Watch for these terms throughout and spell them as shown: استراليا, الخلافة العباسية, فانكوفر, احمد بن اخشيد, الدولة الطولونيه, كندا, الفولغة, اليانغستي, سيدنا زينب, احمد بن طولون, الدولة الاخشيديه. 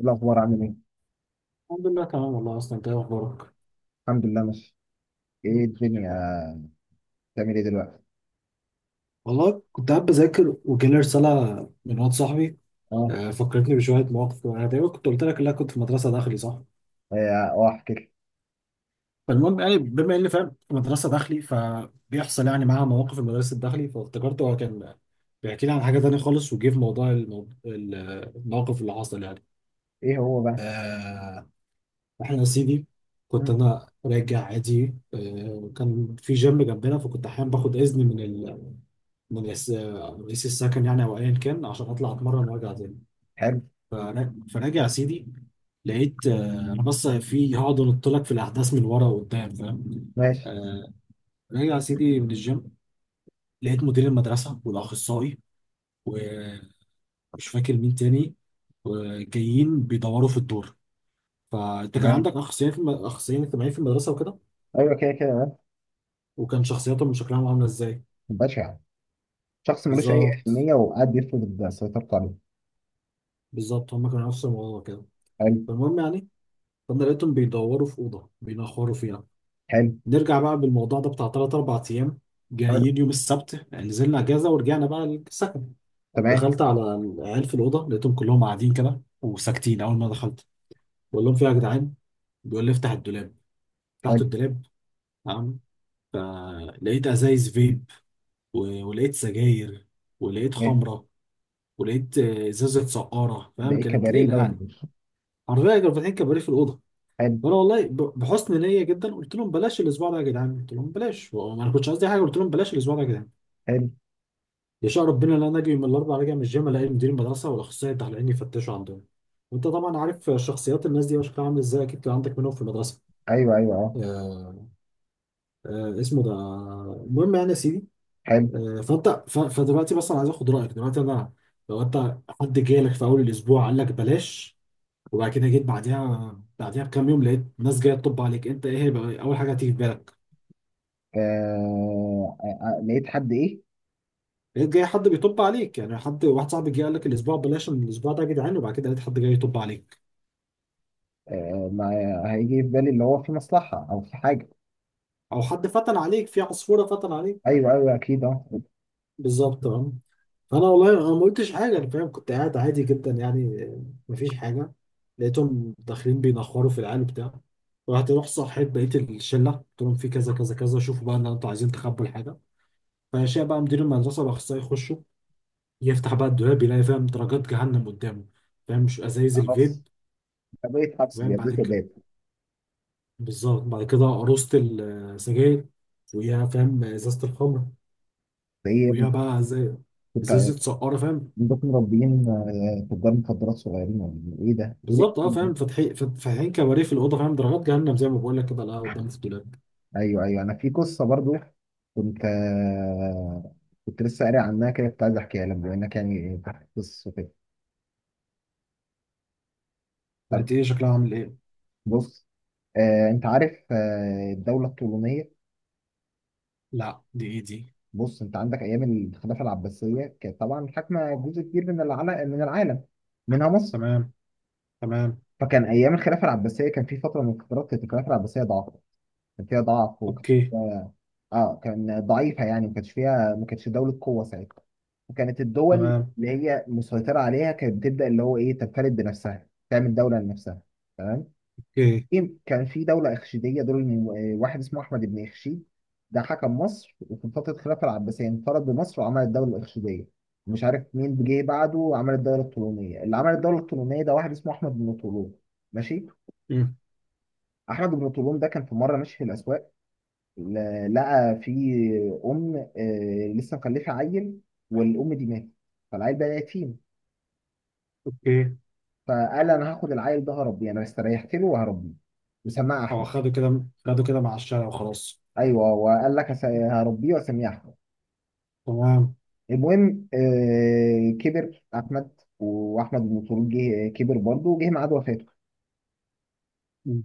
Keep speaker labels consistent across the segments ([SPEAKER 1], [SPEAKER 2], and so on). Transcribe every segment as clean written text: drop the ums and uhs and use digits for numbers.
[SPEAKER 1] الأخبار عامل إيه؟
[SPEAKER 2] الحمد لله تمام والله اصلا انت ايه اخبارك.
[SPEAKER 1] الحمد لله ماشي. إيه الدنيا. بتعمل إيه دلوقتي؟
[SPEAKER 2] والله كنت قاعد بذاكر وجالي رسالة من واد صاحبي.
[SPEAKER 1] أه.
[SPEAKER 2] فكرتني بشوية مواقف، أنا تقريبا كنت قلت لك إن أنا كنت في مدرسة داخلي صح؟
[SPEAKER 1] إيه، أه أحكي لك.
[SPEAKER 2] فالمهم يعني بما إني فاهم في مدرسة داخلي، فبيحصل يعني معاها مواقف في المدرسة الداخلي، فافتكرته هو كان بيحكي لي عن حاجة تانية خالص وجه في موضوع الموقف اللي حصل يعني.
[SPEAKER 1] إيه هو بقى؟
[SPEAKER 2] إحنا يا سيدي كنت
[SPEAKER 1] مم.
[SPEAKER 2] أنا راجع عادي، وكان في جيم جنبنا، فكنت أحيانا باخد إذن من رئيس السكن يعني او ايا كان عشان اطلع اتمرن وارجع تاني.
[SPEAKER 1] حلو.
[SPEAKER 2] فراجع يا سيدي، لقيت انا بس في هقعد انط لك في الاحداث من ورا وقدام فاهم.
[SPEAKER 1] ماشي.
[SPEAKER 2] آه، راجع يا سيدي من الجيم، لقيت مدير المدرسه والاخصائي، ومش فاكر مين تاني، وجايين بيدوروا في الدور. فانت كان
[SPEAKER 1] تمام.
[SPEAKER 2] عندك اخصائيين اخصائيين اجتماعيين في المدرسه وكده،
[SPEAKER 1] أيوه كده كده بقى.
[SPEAKER 2] وكان شخصياتهم وشكلهم عامله ازاي.
[SPEAKER 1] بشع. شخص ملوش أي
[SPEAKER 2] بالظبط،
[SPEAKER 1] أهمية وقاعد بيفرض سيطرته عليه.
[SPEAKER 2] بالظبط هم كانوا نفس الموضوع كده.
[SPEAKER 1] حلو.
[SPEAKER 2] فالمهم يعني، فانا لقيتهم بيدوروا في اوضه بينخروا فيها.
[SPEAKER 1] حلو.
[SPEAKER 2] نرجع بقى بالموضوع ده بتاع ثلاث اربع ايام،
[SPEAKER 1] حلو.
[SPEAKER 2] جايين يوم السبت يعني نزلنا اجازه ورجعنا بقى السكن.
[SPEAKER 1] تمام.
[SPEAKER 2] دخلت على العيال في الاوضه، لقيتهم كلهم قاعدين كده وساكتين. اول ما دخلت بقول لهم في إيه يا جدعان، بيقول لي افتح الدولاب. فتحت
[SPEAKER 1] حلو.
[SPEAKER 2] الدولاب، تمام، فلقيت ازايز فيب، ولقيت سجاير، ولقيت
[SPEAKER 1] إيه
[SPEAKER 2] خمره، ولقيت ازازه سقاره
[SPEAKER 1] ده،
[SPEAKER 2] فاهم،
[SPEAKER 1] إيه
[SPEAKER 2] كانت
[SPEAKER 1] كباريه
[SPEAKER 2] ليله
[SPEAKER 1] ده ولا
[SPEAKER 2] يعني.
[SPEAKER 1] إيه؟
[SPEAKER 2] حرفيا كانوا فاتحين كباريه في الاوضه.
[SPEAKER 1] حلو.
[SPEAKER 2] وانا والله بحسن نيه جدا قلت لهم بلاش الاسبوع ده يا جدعان، قلت لهم بلاش، وانا ما كنتش قصدي حاجه، قلت لهم بلاش الاسبوع ده يا جدعان.
[SPEAKER 1] حلو.
[SPEAKER 2] يشاء ربنا ان انا اجي من الاربع راجع من الجيم، الاقي مدير المدرسه والاخصائي التعليمي يفتشوا عندهم. وانت طبعا عارف شخصيات الناس دي وشكلها عامل ازاي، اكيد كان عندك منهم في المدرسه.
[SPEAKER 1] أيوه أيوه أه.
[SPEAKER 2] آه، آه اسمه ده. المهم يعني يا سيدي،
[SPEAKER 1] حلو.
[SPEAKER 2] آه. فدلوقتي بس انا عايز اخد رايك، دلوقتي انا لو انت حد جالك في اول الاسبوع قال لك بلاش، وبعد كده جيت بعديها بعديها بكام يوم لقيت ناس جايه تطب عليك، انت ايه هيبقى اول حاجه هتيجي في بالك؟
[SPEAKER 1] آه آه، آه، لقيت حد إيه؟
[SPEAKER 2] لقيت جاي حد بيطب عليك يعني، حد واحد صاحبي جه قال لك الاسبوع بلاش الاسبوع ده يا جدعان، وبعد كده لقيت حد جاي يطب عليك،
[SPEAKER 1] آه، ما هيجي في بالي اللي هو في مصلحة أو في حاجة.
[SPEAKER 2] او حد فتن عليك، في عصفوره فتن عليك.
[SPEAKER 1] أيوه أيوه أكيد أه.
[SPEAKER 2] بالظبط اه. فانا والله انا ما قلتش حاجه، انا فاهم كنت قاعد عادي جدا يعني، مفيش حاجه. لقيتهم داخلين بينخروا في العيال وبتاع. رحت صحيت بقيت الشله قلت لهم في كذا كذا كذا، شوفوا بقى ان انتوا عايزين تخبوا الحاجه. فشاء بقى مدير المدرسه باخصائي يخشوا، يفتح بقى الدولاب، يلاقي فاهم درجات جهنم قدامه. فاهم مش ازايز
[SPEAKER 1] خلاص،
[SPEAKER 2] الفيب
[SPEAKER 1] بقيت حبس،
[SPEAKER 2] فاهم
[SPEAKER 1] زي بقيت
[SPEAKER 2] بعد،
[SPEAKER 1] باب.
[SPEAKER 2] بالظبط، بعد كده قروصة السجاير، وياها فاهم ازازة الخمر،
[SPEAKER 1] ايه.
[SPEAKER 2] وياها بقى زي
[SPEAKER 1] كنت
[SPEAKER 2] ازازة سقارة فاهم.
[SPEAKER 1] عندكم مربيين تجار مخدرات صغيرين ولا ايه؟ إيه ده؟ ايه ده؟
[SPEAKER 2] بالظبط اه،
[SPEAKER 1] إيه ده؟
[SPEAKER 2] فاهم، فاتحين كباريه في الأوضة فاهم، درجات جهنم زي ما بقول لك كده، لا قدام في الدولاب.
[SPEAKER 1] ايوه ايوه، انا في قصه برضو كنت، كنت لسه قاري عنها كده، كنت عايز احكيها لك بما انك يعني فتحت قصه كده. طب،
[SPEAKER 2] بقت ايه شكلها عامل ايه؟
[SPEAKER 1] بص. انت عارف الدوله الطولونيه.
[SPEAKER 2] لا دي ايه دي؟
[SPEAKER 1] بص، انت عندك ايام الخلافه العباسيه كانت طبعا حاكمه جزء كبير من العالم، من العالم منها مصر.
[SPEAKER 2] تمام، تمام،
[SPEAKER 1] فكان ايام الخلافه العباسيه كان في فتره من الفترات كانت الخلافه العباسيه ضعف، كان فيها ضعف وكان
[SPEAKER 2] اوكي،
[SPEAKER 1] فيها، اه، كان ضعيفه يعني ما كانش فيها، ما كانتش دوله قوه ساعتها. وكانت الدول
[SPEAKER 2] تمام،
[SPEAKER 1] اللي هي مسيطره عليها كانت بتبدا اللي هو ايه، تنفرد بنفسها تعمل دوله لنفسها. تمام.
[SPEAKER 2] اوكي،
[SPEAKER 1] إيه؟ كان في دوله اخشيديه دول، واحد اسمه احمد بن اخشيد. ده حكم مصر وفي فتره الخلافه العباسيه انفرد بمصر وعمل الدوله الاخشيديه. مش عارف مين جه بعده وعمل الدوله الطولونيه. اللي عمل الدوله الطولونيه ده واحد اسمه احمد بن طولون. ماشي.
[SPEAKER 2] مم،
[SPEAKER 1] احمد بن طولون ده كان في مره ماشي في الاسواق، لقى في ام، لسه مخلفه عيل، والام دي ماتت، فالعيل بقى يتيم.
[SPEAKER 2] اوكي.
[SPEAKER 1] فقال انا هاخد العيل ده هربيه، انا استريحت له وهربيه، وسماه
[SPEAKER 2] هو
[SPEAKER 1] احمد.
[SPEAKER 2] خده كده، خده كده مع الشارع وخلاص.
[SPEAKER 1] ايوه، وقال لك هربيه واسميه احمد.
[SPEAKER 2] تمام.
[SPEAKER 1] المهم، كبر احمد، واحمد بن طولون جه، كبر برضه وجه ميعاد وفاته.
[SPEAKER 2] مم.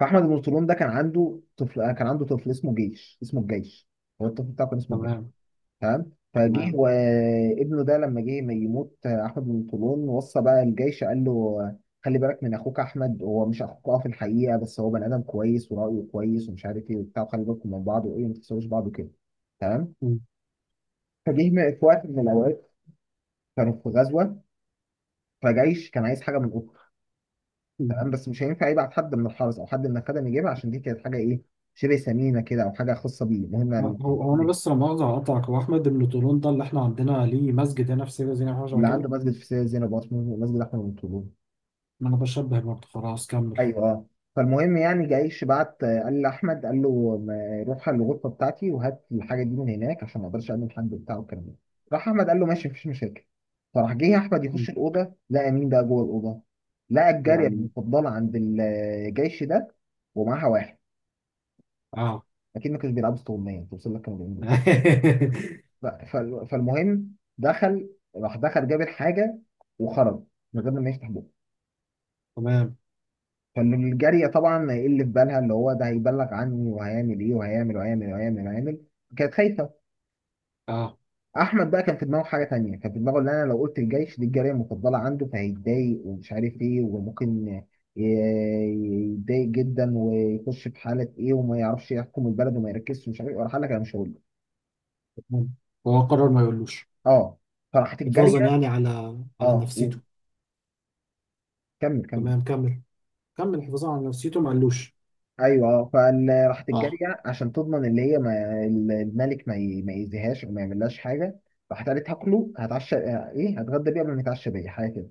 [SPEAKER 1] فاحمد بن طولون ده كان عنده طفل، كان عنده طفل اسمه جيش، اسمه الجيش، هو الطفل بتاعه كان اسمه.
[SPEAKER 2] تمام.
[SPEAKER 1] تمام. فجه
[SPEAKER 2] تمام.
[SPEAKER 1] وابنه ده لما جه ما يموت احمد بن طولون وصى بقى الجيش قال له خلي بالك من اخوك احمد، هو مش اخوك اه في الحقيقه، بس هو بني ادم كويس ورايه كويس ومش عارف ايه وبتاع، وخلي بالكم من بعض وايه، ما تخسروش بعض كده. تمام.
[SPEAKER 2] مم.
[SPEAKER 1] في وقت من الاوقات كانوا في غزوه، فجيش كان عايز حاجه من اخته. تمام،
[SPEAKER 2] مم.
[SPEAKER 1] بس مش هينفع يبعت حد من الحرس او حد من الخدم يجيبها، عشان دي كانت حاجه ايه، شبه ثمينه كده او حاجه خاصه بيه. المهم
[SPEAKER 2] هو هو انا بس لما مؤاخذة هقطعك، هو احمد بن طولون ده اللي احنا عندنا ليه مسجد هنا في سيدة زينب حاجه شبه
[SPEAKER 1] اللي عنده
[SPEAKER 2] كده؟
[SPEAKER 1] مسجد في سيدنا زينب واسمه مسجد احمد بن طولون.
[SPEAKER 2] ما انا بشبه برضه، خلاص كمل.
[SPEAKER 1] ايوه آه. فالمهم يعني، جايش بعت، قال لاحمد، قال له روح على الغرفه بتاعتي وهات الحاجه دي من هناك، عشان ما اقدرش اقابل حد بتاعه الكلام ده. راح احمد قال له ماشي مفيش مشاكل. فراح جه احمد
[SPEAKER 2] م.
[SPEAKER 1] يخش الاوضه، لقى مين بقى جوه الاوضه؟ لقى الجاريه
[SPEAKER 2] يعني
[SPEAKER 1] المفضله عند الجيش ده، ومعاها واحد.
[SPEAKER 2] اه.
[SPEAKER 1] اكيد ما كانوش بيلعبوا استغمايه، توصل لك كانوا بيعملوا ايه. ف- فالمهم دخل، راح دخل جاب الحاجه وخرج من غير ما يفتح بقه.
[SPEAKER 2] تمام
[SPEAKER 1] فالجارية طبعا هيقل في بالها اللي هو ده هيبلغ عني، وهيعمل ايه، وهيعمل وهيعمل وهيعمل وهيعمل، كانت خايفة.
[SPEAKER 2] اه.
[SPEAKER 1] احمد بقى كان في دماغه حاجة تانية، كان في دماغه ان انا لو قلت الجيش دي الجارية المفضلة عنده فهيتضايق ومش عارف ايه، وممكن يتضايق جدا ويخش في حالة ايه، وما يعرفش يحكم البلد وما يركزش ومش عارف ايه، وراح قال لك انا مش هقول له.
[SPEAKER 2] تمام، هو قرر ما يقولوش،
[SPEAKER 1] اه. فراحت
[SPEAKER 2] حفاظا
[SPEAKER 1] الجارية.
[SPEAKER 2] يعني على على
[SPEAKER 1] اه،
[SPEAKER 2] نفسيته.
[SPEAKER 1] وكمل. كمل.
[SPEAKER 2] تمام كمل، كمل، حفاظا على نفسيته ما قالوش.
[SPEAKER 1] ايوه اه، فراحت
[SPEAKER 2] اه.
[SPEAKER 1] الجاريه عشان تضمن اللي هي ما الملك ما ما يأذيهاش او ما يعملهاش حاجه. راحت قالت هاكله، هتعشى، ايه، هتغدى بيه قبل ما يتعشى بيا حاجه كده.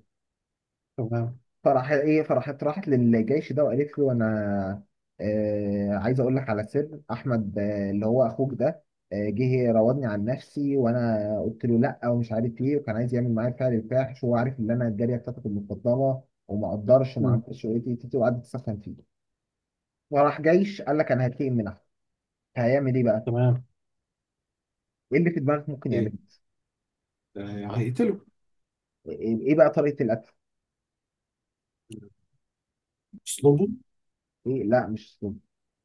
[SPEAKER 2] تمام.
[SPEAKER 1] فراح ايه، فراحت راحت للجيش ده وقالت له انا، آه، عايز اقول لك على سر احمد، آه، اللي هو اخوك ده، آه، جه راودني عن نفسي وانا قلت له لا ومش عارف ايه، وكان عايز يعمل معايا فعل الفاحش، وهو عارف ان انا الجاريه بتاعتك المفضله، وما قدرش وما
[SPEAKER 2] م.
[SPEAKER 1] عملتش ايه، تي- تي- تي، وقعدت تسخن فيه. وراح جيش قال لك انا هتقي من، هيعمل ايه بقى؟
[SPEAKER 2] تمام.
[SPEAKER 1] ايه اللي في دماغك ممكن يعمله؟
[SPEAKER 2] ايه، هيقتله.
[SPEAKER 1] ايه، إيه بقى طريقة الأكل؟
[SPEAKER 2] اسلوبه،
[SPEAKER 1] ايه، لا مش سم.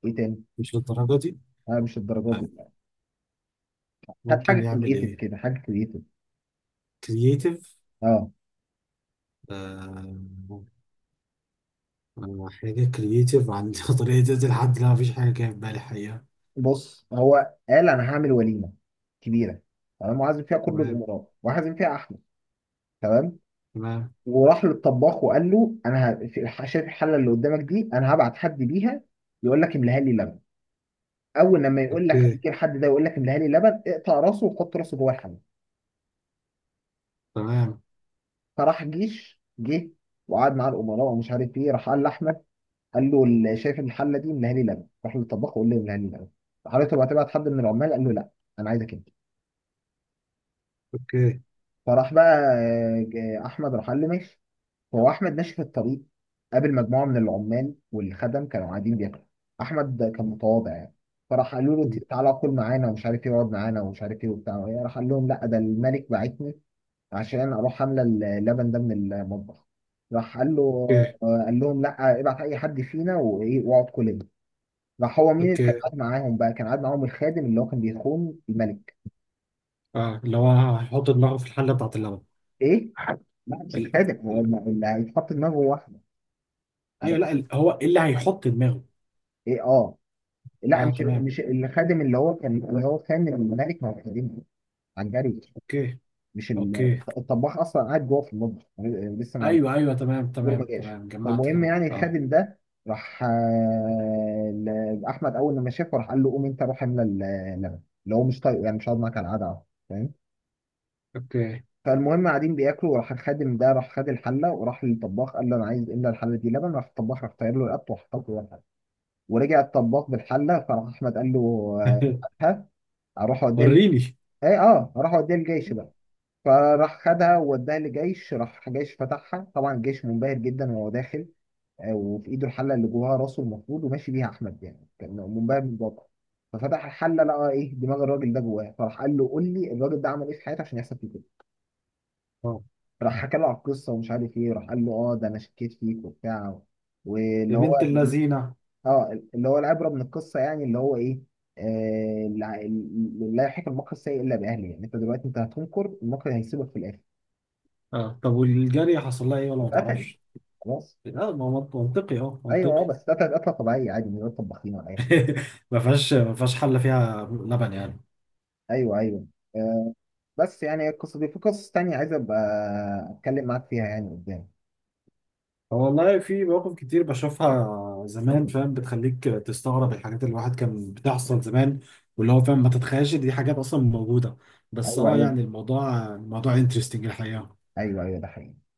[SPEAKER 1] ايه تاني؟
[SPEAKER 2] مش للدرجه دي.
[SPEAKER 1] لا مش الدرجات
[SPEAKER 2] آه،
[SPEAKER 1] دي. هات حاجة
[SPEAKER 2] ممكن يعمل
[SPEAKER 1] كرييتيف
[SPEAKER 2] ايه.
[SPEAKER 1] كده، حاجة كرييتيف.
[SPEAKER 2] كرييتيف،
[SPEAKER 1] اه.
[SPEAKER 2] حاجة كرييتيف عن طريقة تقتل حد. لا مفيش حاجة جاية في بالي حقيقة.
[SPEAKER 1] بص هو قال انا هعمل وليمة كبيرة، تمام، وعازم فيها كل
[SPEAKER 2] تمام.
[SPEAKER 1] الأمراء وعازم فيها أحمد. تمام.
[SPEAKER 2] تمام.
[SPEAKER 1] وراح للطباخ وقال له انا في شايف الحلة اللي قدامك دي، انا هبعت حد بيها يقول لك املاها لي لبن، اول لما يقول لك
[SPEAKER 2] أوكي.
[SPEAKER 1] هيجي الحد ده يقول لك املاها لي لبن، اقطع راسه وحط راسه جوه الحلة.
[SPEAKER 2] تمام.
[SPEAKER 1] فراح جيش جه وقعد مع الامراء ومش عارف ايه، راح قال لاحمد، قال له شايف الحله دي منها لي لبن، راح للطباخ وقال له منها لي لبن. راح قال له طب هتبعت حد من العمال؟ قال له لا، انا عايزك انت.
[SPEAKER 2] أوكي.
[SPEAKER 1] فراح بقى، احمد راح قال له ماشي. فهو احمد ماشي في الطريق، قابل مجموعه من العمال والخدم كانوا قاعدين بياكلوا. احمد كان متواضع يعني، فراح قالوا له تعالى كل معانا ومش عارف ايه، اقعد معانا ومش عارف ايه وبتاع. راح قال لهم لا، ده الملك بعتني عشان اروح عامله اللبن ده من المطبخ. راح قال له،
[SPEAKER 2] أوكي.
[SPEAKER 1] قال لهم لا، ابعت اي حد فينا وايه، واقعد كل يوم. راح، هو مين اللي كان
[SPEAKER 2] أوكي.
[SPEAKER 1] قاعد معاهم بقى؟ كان قاعد معاهم الخادم اللي هو كان بيخون الملك.
[SPEAKER 2] آه اللي هو هيحط دماغه في الحلة بتاعت اللبن.
[SPEAKER 1] ايه لا، مش
[SPEAKER 2] ال...
[SPEAKER 1] الخادم هو
[SPEAKER 2] ال-
[SPEAKER 1] اللي هيتحط دماغه واحده. لا،
[SPEAKER 2] أيوه لا، ال... هو إيه اللي هيحط دماغه؟
[SPEAKER 1] ايه اه. لا
[SPEAKER 2] آه
[SPEAKER 1] مش
[SPEAKER 2] تمام.
[SPEAKER 1] مش الخادم، اللي هو كان اللي هو كان الملك، ما هو خادم عن جري.
[SPEAKER 2] أوكي.
[SPEAKER 1] مش
[SPEAKER 2] أوكي.
[SPEAKER 1] الطباخ اصلا قاعد جوه في المطبخ لسه ما،
[SPEAKER 2] أيوه أيوه، تمام
[SPEAKER 1] دور ما
[SPEAKER 2] تمام
[SPEAKER 1] جاش.
[SPEAKER 2] تمام، جمعت
[SPEAKER 1] فالمهم
[SPEAKER 2] كده
[SPEAKER 1] يعني
[SPEAKER 2] آه.
[SPEAKER 1] الخادم ده راح، لاحمد، اول لما شافه راح قال له قوم انت روح املى اللبن، اللي هو مش طايقه يعني مش هقعد معاك على القعده أهو، فاهم.
[SPEAKER 2] أوكي.
[SPEAKER 1] فالمهم قاعدين بياكلوا، وراح الخادم ده راح خد الحله وراح للطباخ قال له انا عايز املى الحله دي لبن. راح الطباخ راح طاير له رقبته وحط له جوه الحله. ورجع الطباخ بالحله، فراح احمد قال له، آه، هاتها، اروح اوديها
[SPEAKER 2] وريني.
[SPEAKER 1] ايه اه، اروح اوديها للجيش بقى. فراح خدها ووداها للجيش. راح الجيش فتحها، طبعا الجيش منبهر جدا وهو داخل، وفي ايده الحله اللي جواها راسه المفروض، وماشي بيها احمد يعني كان منبهر من الواقع. ففتح الحله لقى ايه، دماغ الراجل ده جواه. فراح قال له قول لي، الراجل ده عمل ايه في حياته عشان يحصل فيه كده؟
[SPEAKER 2] آه.
[SPEAKER 1] راح حكى له على القصه ومش عارف ايه، راح قال له اه ده انا شكيت فيك وبتاع. واللي
[SPEAKER 2] يا
[SPEAKER 1] هو
[SPEAKER 2] بنت اللذينة.
[SPEAKER 1] اه، اللي هو العبره من القصه يعني، اللي هو ايه، آه، لا، لا يحيق المكر السيء الا باهله. يعني انت دلوقتي انت هتنكر المكر هيسيبك في الاخر.
[SPEAKER 2] آه، طب والجارية حصل لها إيه ولا ما
[SPEAKER 1] يتقتل.
[SPEAKER 2] تعرفش؟
[SPEAKER 1] خلاص.
[SPEAKER 2] لا ما هو منطقي، أه
[SPEAKER 1] ايوه
[SPEAKER 2] منطقي.
[SPEAKER 1] اه، بس قتل قتله طبيعيه عادي، من غير طباخين ولا اي حاجه.
[SPEAKER 2] ما فيهاش، ما فيهاش حل فيها لبن يعني.
[SPEAKER 1] ايوه ايوه. آه، بس يعني القصة دي في قصص تانية عايز أبقى أتكلم معاك فيها يعني قدام.
[SPEAKER 2] هو والله في مواقف كتير بشوفها زمان فاهم، بتخليك تستغرب الحاجات اللي الواحد كان بتحصل زمان، واللي هو فاهم ما تتخيلش دي حاجات اصلا موجوده. بس
[SPEAKER 1] أيوه
[SPEAKER 2] اه
[SPEAKER 1] أيوه.
[SPEAKER 2] يعني الموضوع، الموضوع انترستنج الحقيقه.
[SPEAKER 1] أيوه أيوه، ده حقيقي.